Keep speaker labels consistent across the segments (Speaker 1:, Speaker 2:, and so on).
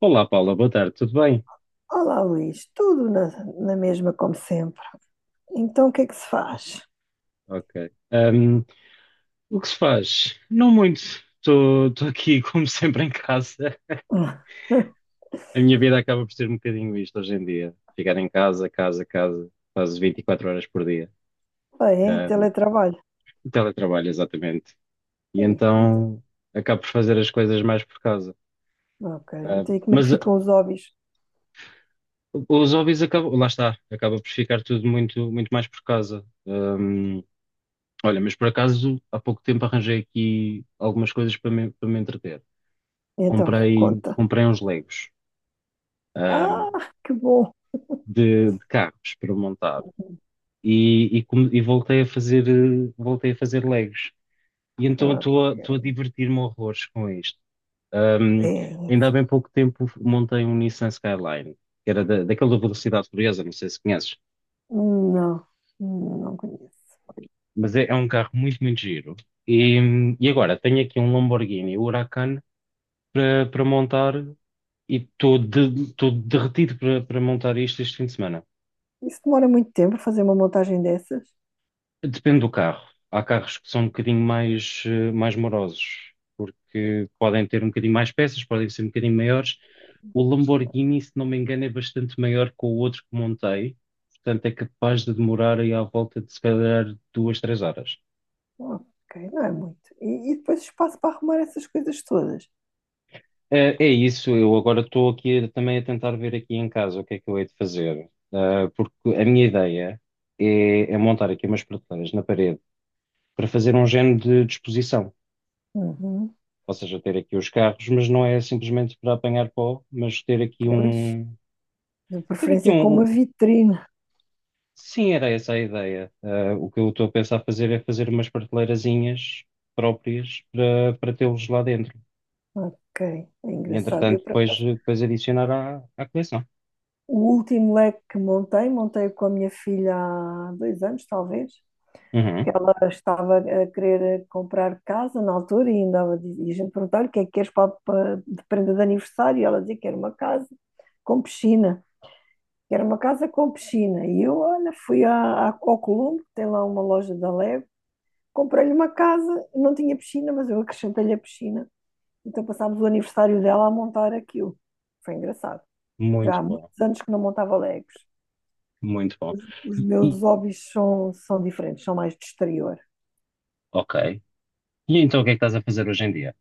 Speaker 1: Olá, Paula, boa tarde, tudo bem?
Speaker 2: Olá, Luís, tudo na mesma como sempre. Então, o que é que se faz?
Speaker 1: Ok. O que se faz? Não muito. Estou aqui, como sempre, em casa. A minha vida acaba por ser um bocadinho isto hoje em dia. Ficar em casa, casa, casa, quase 24 horas por dia.
Speaker 2: Ah, é?
Speaker 1: Ahm,
Speaker 2: Teletrabalho.
Speaker 1: Teletrabalho, exatamente. E
Speaker 2: Ui, então,
Speaker 1: então acabo por fazer as coisas mais por casa.
Speaker 2: ok.
Speaker 1: Ahm,
Speaker 2: Então, e como é que
Speaker 1: mas ah,
Speaker 2: ficam os hobbies?
Speaker 1: os hobbies acabam, lá está, acaba por ficar tudo muito, muito mais por casa. Olha, mas por acaso, há pouco tempo arranjei aqui algumas coisas para me entreter.
Speaker 2: Então,
Speaker 1: comprei,
Speaker 2: conta.
Speaker 1: comprei uns Legos, ahm,
Speaker 2: Ah, que bom.
Speaker 1: de carros para montar e, e voltei a fazer, voltei a fazer Legos. E então estou a
Speaker 2: Ok.
Speaker 1: divertir-me horrores com isto. Ahm,
Speaker 2: É
Speaker 1: Ainda há
Speaker 2: isso.
Speaker 1: bem pouco tempo montei um Nissan Skyline, que era daquela velocidade furiosa, não sei se conheces,
Speaker 2: Não, não conheço.
Speaker 1: mas é um carro muito, muito giro. E, e agora tenho aqui um Lamborghini Huracan para montar e estou derretido para montar isto este fim de semana.
Speaker 2: Isso demora muito tempo a fazer uma montagem dessas?
Speaker 1: Depende do carro. Há carros que são um bocadinho mais, mais morosos, porque podem ter um bocadinho mais peças, podem ser um bocadinho maiores. O Lamborghini, se não me engano, é bastante maior que o outro que montei, portanto é capaz de demorar aí à volta de se calhar duas, três horas.
Speaker 2: Ok, não é muito. E depois espaço para arrumar essas coisas todas.
Speaker 1: É, isso, eu agora estou aqui também a tentar ver aqui em casa o que é que eu hei de fazer. Ah, porque a minha ideia é montar aqui umas prateleiras na parede para fazer um género de disposição.
Speaker 2: Uhum.
Speaker 1: Ou seja, ter aqui os carros, mas não é simplesmente para apanhar pó, mas ter aqui
Speaker 2: Pois,
Speaker 1: um.
Speaker 2: de
Speaker 1: Ter aqui
Speaker 2: preferência com
Speaker 1: um.
Speaker 2: uma
Speaker 1: um-
Speaker 2: vitrine.
Speaker 1: Sim, era essa a ideia. Ah, o que eu estou a pensar fazer é fazer umas prateleirazinhas próprias para tê-los lá dentro.
Speaker 2: Ok, é
Speaker 1: E
Speaker 2: engraçado. Eu,
Speaker 1: entretanto,
Speaker 2: por acaso,
Speaker 1: depois adicionar à coleção.
Speaker 2: o último leque que montei com a minha filha há 2 anos, talvez,
Speaker 1: Uhum.
Speaker 2: que ela estava a querer comprar casa na altura e ainda e a gente perguntava-lhe o que é que queres de prenda de aniversário e ela dizia que era uma casa com piscina, que era uma casa com piscina. E eu, olha, fui ao Colombo, tem lá uma loja da Lego, comprei-lhe uma casa, não tinha piscina, mas eu acrescentei-lhe a piscina. Então passámos o aniversário dela a montar aquilo. Foi engraçado. Já
Speaker 1: Muito
Speaker 2: há
Speaker 1: bom,
Speaker 2: muitos anos que não montava Legos.
Speaker 1: muito bom.
Speaker 2: Os meus
Speaker 1: E,
Speaker 2: hobbies são diferentes, são mais de exterior.
Speaker 1: ok. E então o que é que estás a fazer hoje em dia?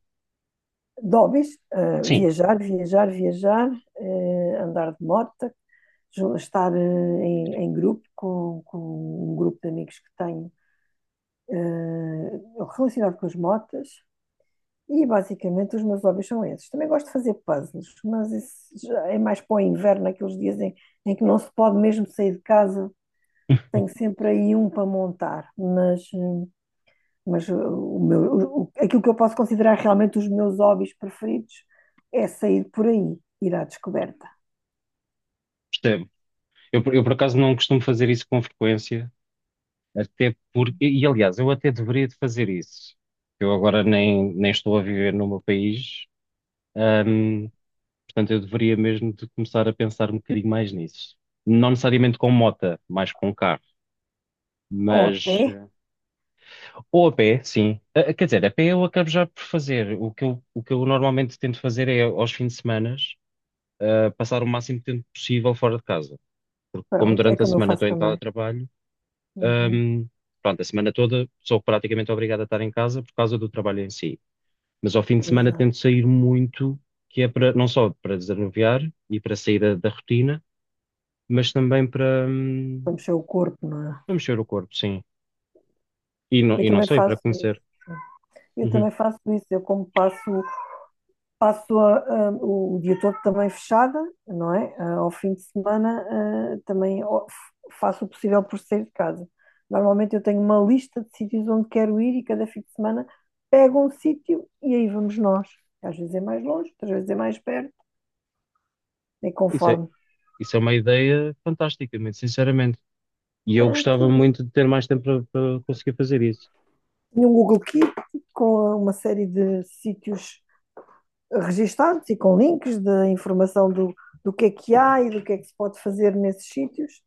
Speaker 2: De hobbies,
Speaker 1: Sim,
Speaker 2: viajar, viajar, viajar, andar de moto, estar em grupo com um grupo de amigos que tenho eh, relacionado com as motas. E basicamente os meus hobbies são esses. Também gosto de fazer puzzles, mas isso já é mais para o inverno, naqueles dias em que não se pode mesmo sair de casa. Tenho sempre aí um para montar, Mas uh, o meu, o- aquilo que eu posso considerar realmente os meus hobbies preferidos é sair por aí, ir à descoberta.
Speaker 1: percebo. Eu por acaso não costumo fazer isso com frequência. Até porque, e aliás, eu até deveria de fazer isso. Eu agora nem estou a viver no meu país, hum, portanto eu deveria mesmo de começar a pensar um bocadinho mais nisso. Não necessariamente com mota, mais com carro,
Speaker 2: Ou a pé,
Speaker 1: mas eh, ou a pé, sim. Ah, ah, quer dizer, a pé eu acabo já por fazer. O que eu normalmente tento fazer é aos fins de semana, passar o máximo de tempo possível fora de casa. Porque como
Speaker 2: pronto, é
Speaker 1: durante a
Speaker 2: como eu
Speaker 1: semana
Speaker 2: faço
Speaker 1: estou em
Speaker 2: também.
Speaker 1: teletrabalho,
Speaker 2: Uhum.
Speaker 1: Ahm, pronto, a semana toda sou praticamente obrigado a estar em casa por causa do trabalho em si. Mas ao fim de semana tento
Speaker 2: Exato.
Speaker 1: sair muito, que é para não só para desanuviar e para sair da rotina, mas também para,
Speaker 2: Para mexer o corpo, não é?
Speaker 1: para mexer o corpo, sim.
Speaker 2: Eu
Speaker 1: E não
Speaker 2: também
Speaker 1: só, e para
Speaker 2: faço isso.
Speaker 1: conhecer.
Speaker 2: Eu
Speaker 1: Uhum.
Speaker 2: também faço isso. Eu como passo a, o dia todo também fechada, não é? Ah, ao fim de semana, ah, faço o possível por sair de casa. Normalmente eu tenho uma lista de sítios onde quero ir e cada fim de semana pego um sítio e aí vamos nós. Às vezes é mais longe, outras vezes é mais perto, é
Speaker 1: Isso é,
Speaker 2: conforme.
Speaker 1: isso é uma ideia fantástica, muito sinceramente. E eu
Speaker 2: Ah,
Speaker 1: gostava
Speaker 2: tenho,
Speaker 1: muito de ter mais tempo para conseguir fazer isso.
Speaker 2: tenho um Google Keep com uma série de sítios registados e com links de informação do que é que há e do que é que se pode fazer nesses sítios.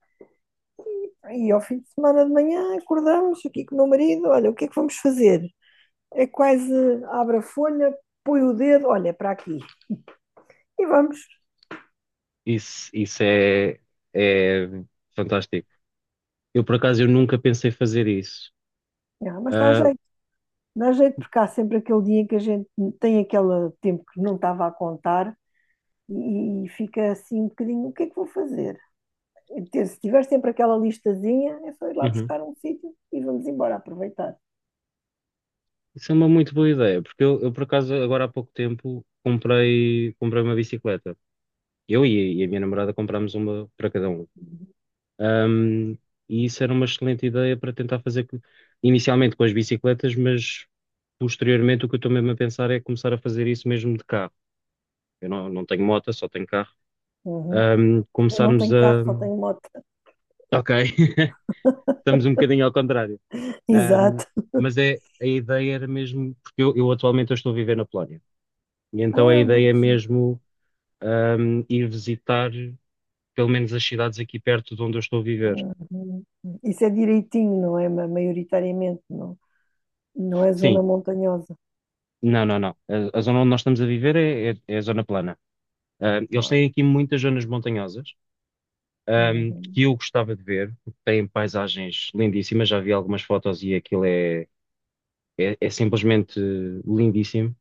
Speaker 2: E ao fim de semana de manhã acordamos aqui com o meu marido, olha, o que é que vamos fazer? É quase abre a folha, põe o dedo, olha, para aqui. E vamos.
Speaker 1: Isso, isso é, é fantástico. Eu, por acaso, eu nunca pensei fazer isso.
Speaker 2: Ah, mas dá
Speaker 1: Ah,
Speaker 2: jeito. Dá jeito porque há sempre aquele dia em que a gente tem aquele tempo que não estava a contar e fica assim um bocadinho, o que é que vou fazer? E se tiver sempre aquela listazinha, é só ir lá
Speaker 1: uhum.
Speaker 2: buscar um sítio e vamos embora aproveitar.
Speaker 1: Isso é uma muito boa ideia, porque eu, por acaso agora há pouco tempo comprei uma bicicleta. Eu e a minha namorada comprámos uma para cada um. Ahm, e isso era uma excelente ideia para tentar inicialmente com as bicicletas, mas posteriormente o que eu estou mesmo a pensar é começar a fazer isso mesmo de carro. Eu não, não tenho moto, só tenho carro.
Speaker 2: Uhum. Eu não
Speaker 1: Começarmos
Speaker 2: tenho carro,
Speaker 1: a.
Speaker 2: só tenho moto.
Speaker 1: Ok, estamos um bocadinho ao contrário. Ahm,
Speaker 2: Exato.
Speaker 1: mas é, a ideia era mesmo, porque eu atualmente eu estou a viver na Polónia. E então a
Speaker 2: Ah,
Speaker 1: ideia
Speaker 2: muito
Speaker 1: é
Speaker 2: giro.
Speaker 1: mesmo ir visitar pelo menos as cidades aqui perto de onde eu estou a viver.
Speaker 2: Uhum. Isso é direitinho, não é? Maioritariamente, não. Não é zona
Speaker 1: Sim,
Speaker 2: montanhosa.
Speaker 1: não, não, não. A zona onde nós estamos a viver é a zona plana. Ah,
Speaker 2: Não
Speaker 1: eles
Speaker 2: há.
Speaker 1: têm aqui muitas zonas montanhosas,
Speaker 2: Uhum.
Speaker 1: que eu gostava de ver, porque têm paisagens lindíssimas. Já vi algumas fotos e aquilo é simplesmente lindíssimo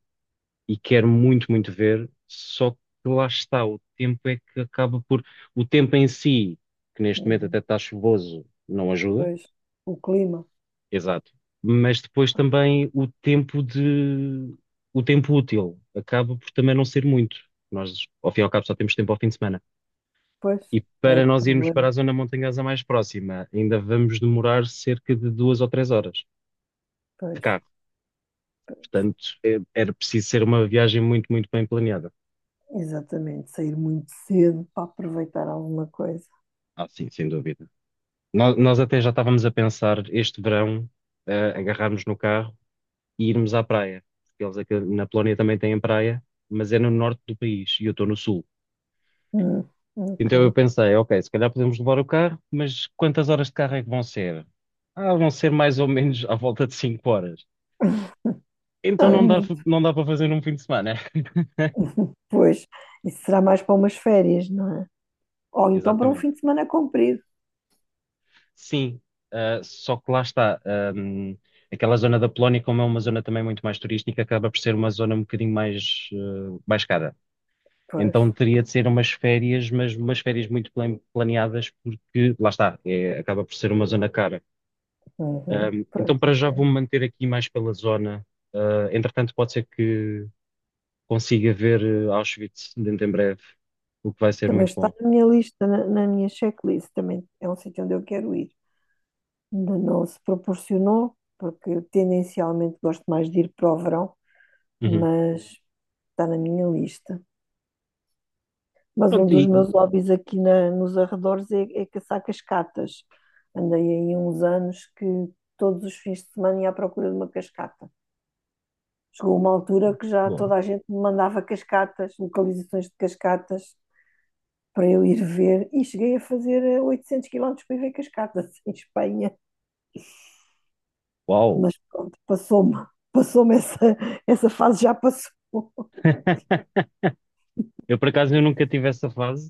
Speaker 1: e quero muito, muito ver. Só que lá está, o tempo é que acaba por. O tempo em si, que neste momento até
Speaker 2: Uhum.
Speaker 1: está chuvoso, não ajuda.
Speaker 2: Pois, o clima.
Speaker 1: Exato. Mas depois também o tempo de o tempo útil acaba por também não ser muito. Nós, ao fim e ao cabo, só temos tempo ao fim de semana.
Speaker 2: Pois,
Speaker 1: E
Speaker 2: é o
Speaker 1: para nós irmos
Speaker 2: problema.
Speaker 1: para a zona montanhosa mais próxima, ainda vamos demorar cerca de duas ou três horas de
Speaker 2: Pois,
Speaker 1: carro.
Speaker 2: pois.
Speaker 1: Portanto, era preciso ser uma viagem muito, muito bem planeada.
Speaker 2: Exatamente, sair muito cedo para aproveitar alguma coisa.
Speaker 1: Ah, sim, sem dúvida. Nós até já estávamos a pensar este verão, agarrarmos no carro e irmos à praia. Porque eles aqui na Polónia também têm praia, mas é no norte do país e eu estou no sul.
Speaker 2: Hum, ok.
Speaker 1: Então eu pensei, ok, se calhar podemos levar o carro, mas quantas horas de carro é que vão ser? Ah, vão ser mais ou menos à volta de 5 horas. Então
Speaker 2: Não é
Speaker 1: não dá,
Speaker 2: muito.
Speaker 1: não dá para fazer num fim de semana.
Speaker 2: Pois, isso será mais para umas férias, não é? Ou então para um
Speaker 1: Exatamente.
Speaker 2: fim de semana comprido.
Speaker 1: Sim, ah, só que lá está. Aquela zona da Polónia, como é uma zona também muito mais turística, acaba por ser uma zona um bocadinho mais, ah, mais cara.
Speaker 2: Pois.
Speaker 1: Então teria de ser umas férias, mas umas férias muito planeadas, porque lá está, acaba por ser uma zona cara.
Speaker 2: Uhum.
Speaker 1: Um,
Speaker 2: Pois,
Speaker 1: então, para já
Speaker 2: ok.
Speaker 1: vou-me manter aqui mais pela zona. Entretanto, pode ser que consiga ver Auschwitz dentro em breve, o que vai ser
Speaker 2: Também
Speaker 1: muito
Speaker 2: está
Speaker 1: bom.
Speaker 2: na minha lista, na, na minha checklist, também é um sítio onde eu quero ir. Ainda não se proporcionou, porque eu tendencialmente gosto mais de ir para o verão,
Speaker 1: Uhum.
Speaker 2: mas está na minha lista. Mas um
Speaker 1: Pronto,
Speaker 2: dos meus hobbies aqui nos arredores é caçar cascatas. Andei aí uns anos que todos os fins de semana ia à procura de uma cascata. Chegou uma altura que já
Speaker 1: boa.
Speaker 2: toda a gente me mandava cascatas, localizações de cascatas, para eu ir ver. E cheguei a fazer 800 quilómetros para ir ver cascatas em Espanha.
Speaker 1: Uau!
Speaker 2: Mas pronto, passou-me. Passou-me essa fase, já passou.
Speaker 1: Eu, por acaso, eu nunca tive essa fase,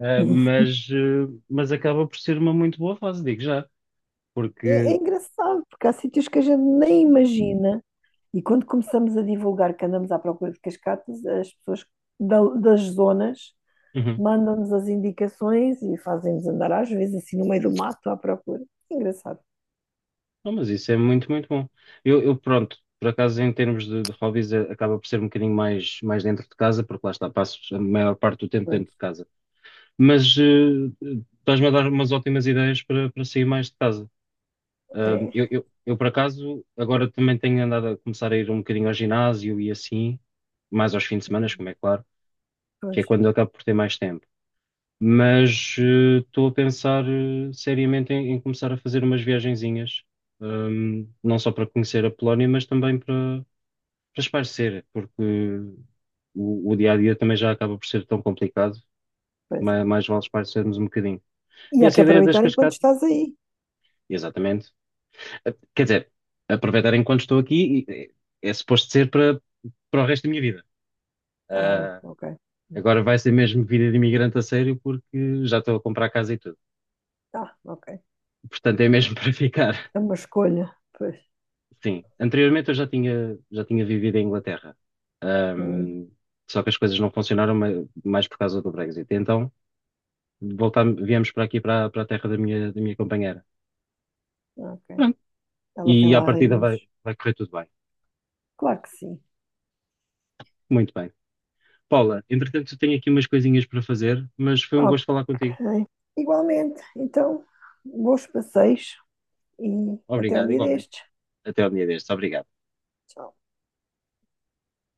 Speaker 1: mas acaba por ser uma muito boa fase, digo já,
Speaker 2: É, é
Speaker 1: porque...
Speaker 2: engraçado, porque há sítios que a gente nem imagina. E quando começamos a divulgar que andamos à procura de cascatas, as pessoas das zonas
Speaker 1: Uhum.
Speaker 2: mandam-nos as indicações e fazem-nos andar, às vezes, assim no meio do mato à procura. Engraçado.
Speaker 1: Não, mas isso é muito, muito bom. Eu, pronto, por acaso, em termos de hobbies, acaba por ser um bocadinho mais, mais dentro de casa, porque lá está, passo a maior parte do tempo
Speaker 2: Pois,
Speaker 1: dentro de casa. mas eh, Estás-me a dar umas ótimas ideias para sair mais de casa. Ah,
Speaker 2: é,
Speaker 1: eu, por acaso, agora também tenho andado a começar a ir um bocadinho ao ginásio e assim, mais aos fins de semana, como é claro, que é
Speaker 2: pois,
Speaker 1: quando eu acabo por ter mais tempo. Estou a pensar seriamente em começar a fazer umas viagenzinhas, não só para conhecer a Polónia, mas também para espairecer, porque o dia a dia também já acaba por ser tão complicado,
Speaker 2: pois é.
Speaker 1: mais, vale espairecermos um bocadinho.
Speaker 2: E
Speaker 1: E
Speaker 2: há
Speaker 1: essa
Speaker 2: que
Speaker 1: ideia das
Speaker 2: aproveitar enquanto
Speaker 1: cascatas.
Speaker 2: estás aí.
Speaker 1: Exatamente. Quer dizer, aproveitar enquanto estou aqui é, é suposto ser para, para o resto da minha vida.
Speaker 2: Ah,
Speaker 1: Ah,
Speaker 2: ok.
Speaker 1: agora vai ser mesmo vida de imigrante a sério porque já estou a comprar casa e tudo.
Speaker 2: Ah, ok.
Speaker 1: Portanto, é mesmo para ficar.
Speaker 2: É uma escolha. Pois.
Speaker 1: Sim, anteriormente eu já tinha vivido em Inglaterra.
Speaker 2: Hum,
Speaker 1: Ahm, Só que as coisas não funcionaram mais por causa do Brexit. Então, voltamos, viemos para aqui, para a terra da minha companheira.
Speaker 2: ok.
Speaker 1: Pronto. E
Speaker 2: Ela tem
Speaker 1: à
Speaker 2: lá
Speaker 1: partida
Speaker 2: raízes.
Speaker 1: vai correr tudo bem.
Speaker 2: Claro que sim.
Speaker 1: Muito bem. Paula, entretanto, eu tenho aqui umas coisinhas para fazer, mas foi um
Speaker 2: Ok.
Speaker 1: gosto falar contigo.
Speaker 2: Igualmente. Então, bons passeios e até um
Speaker 1: Obrigado,
Speaker 2: dia
Speaker 1: igualmente.
Speaker 2: destes.
Speaker 1: Até ao dia destes. Obrigado.
Speaker 2: Tchau.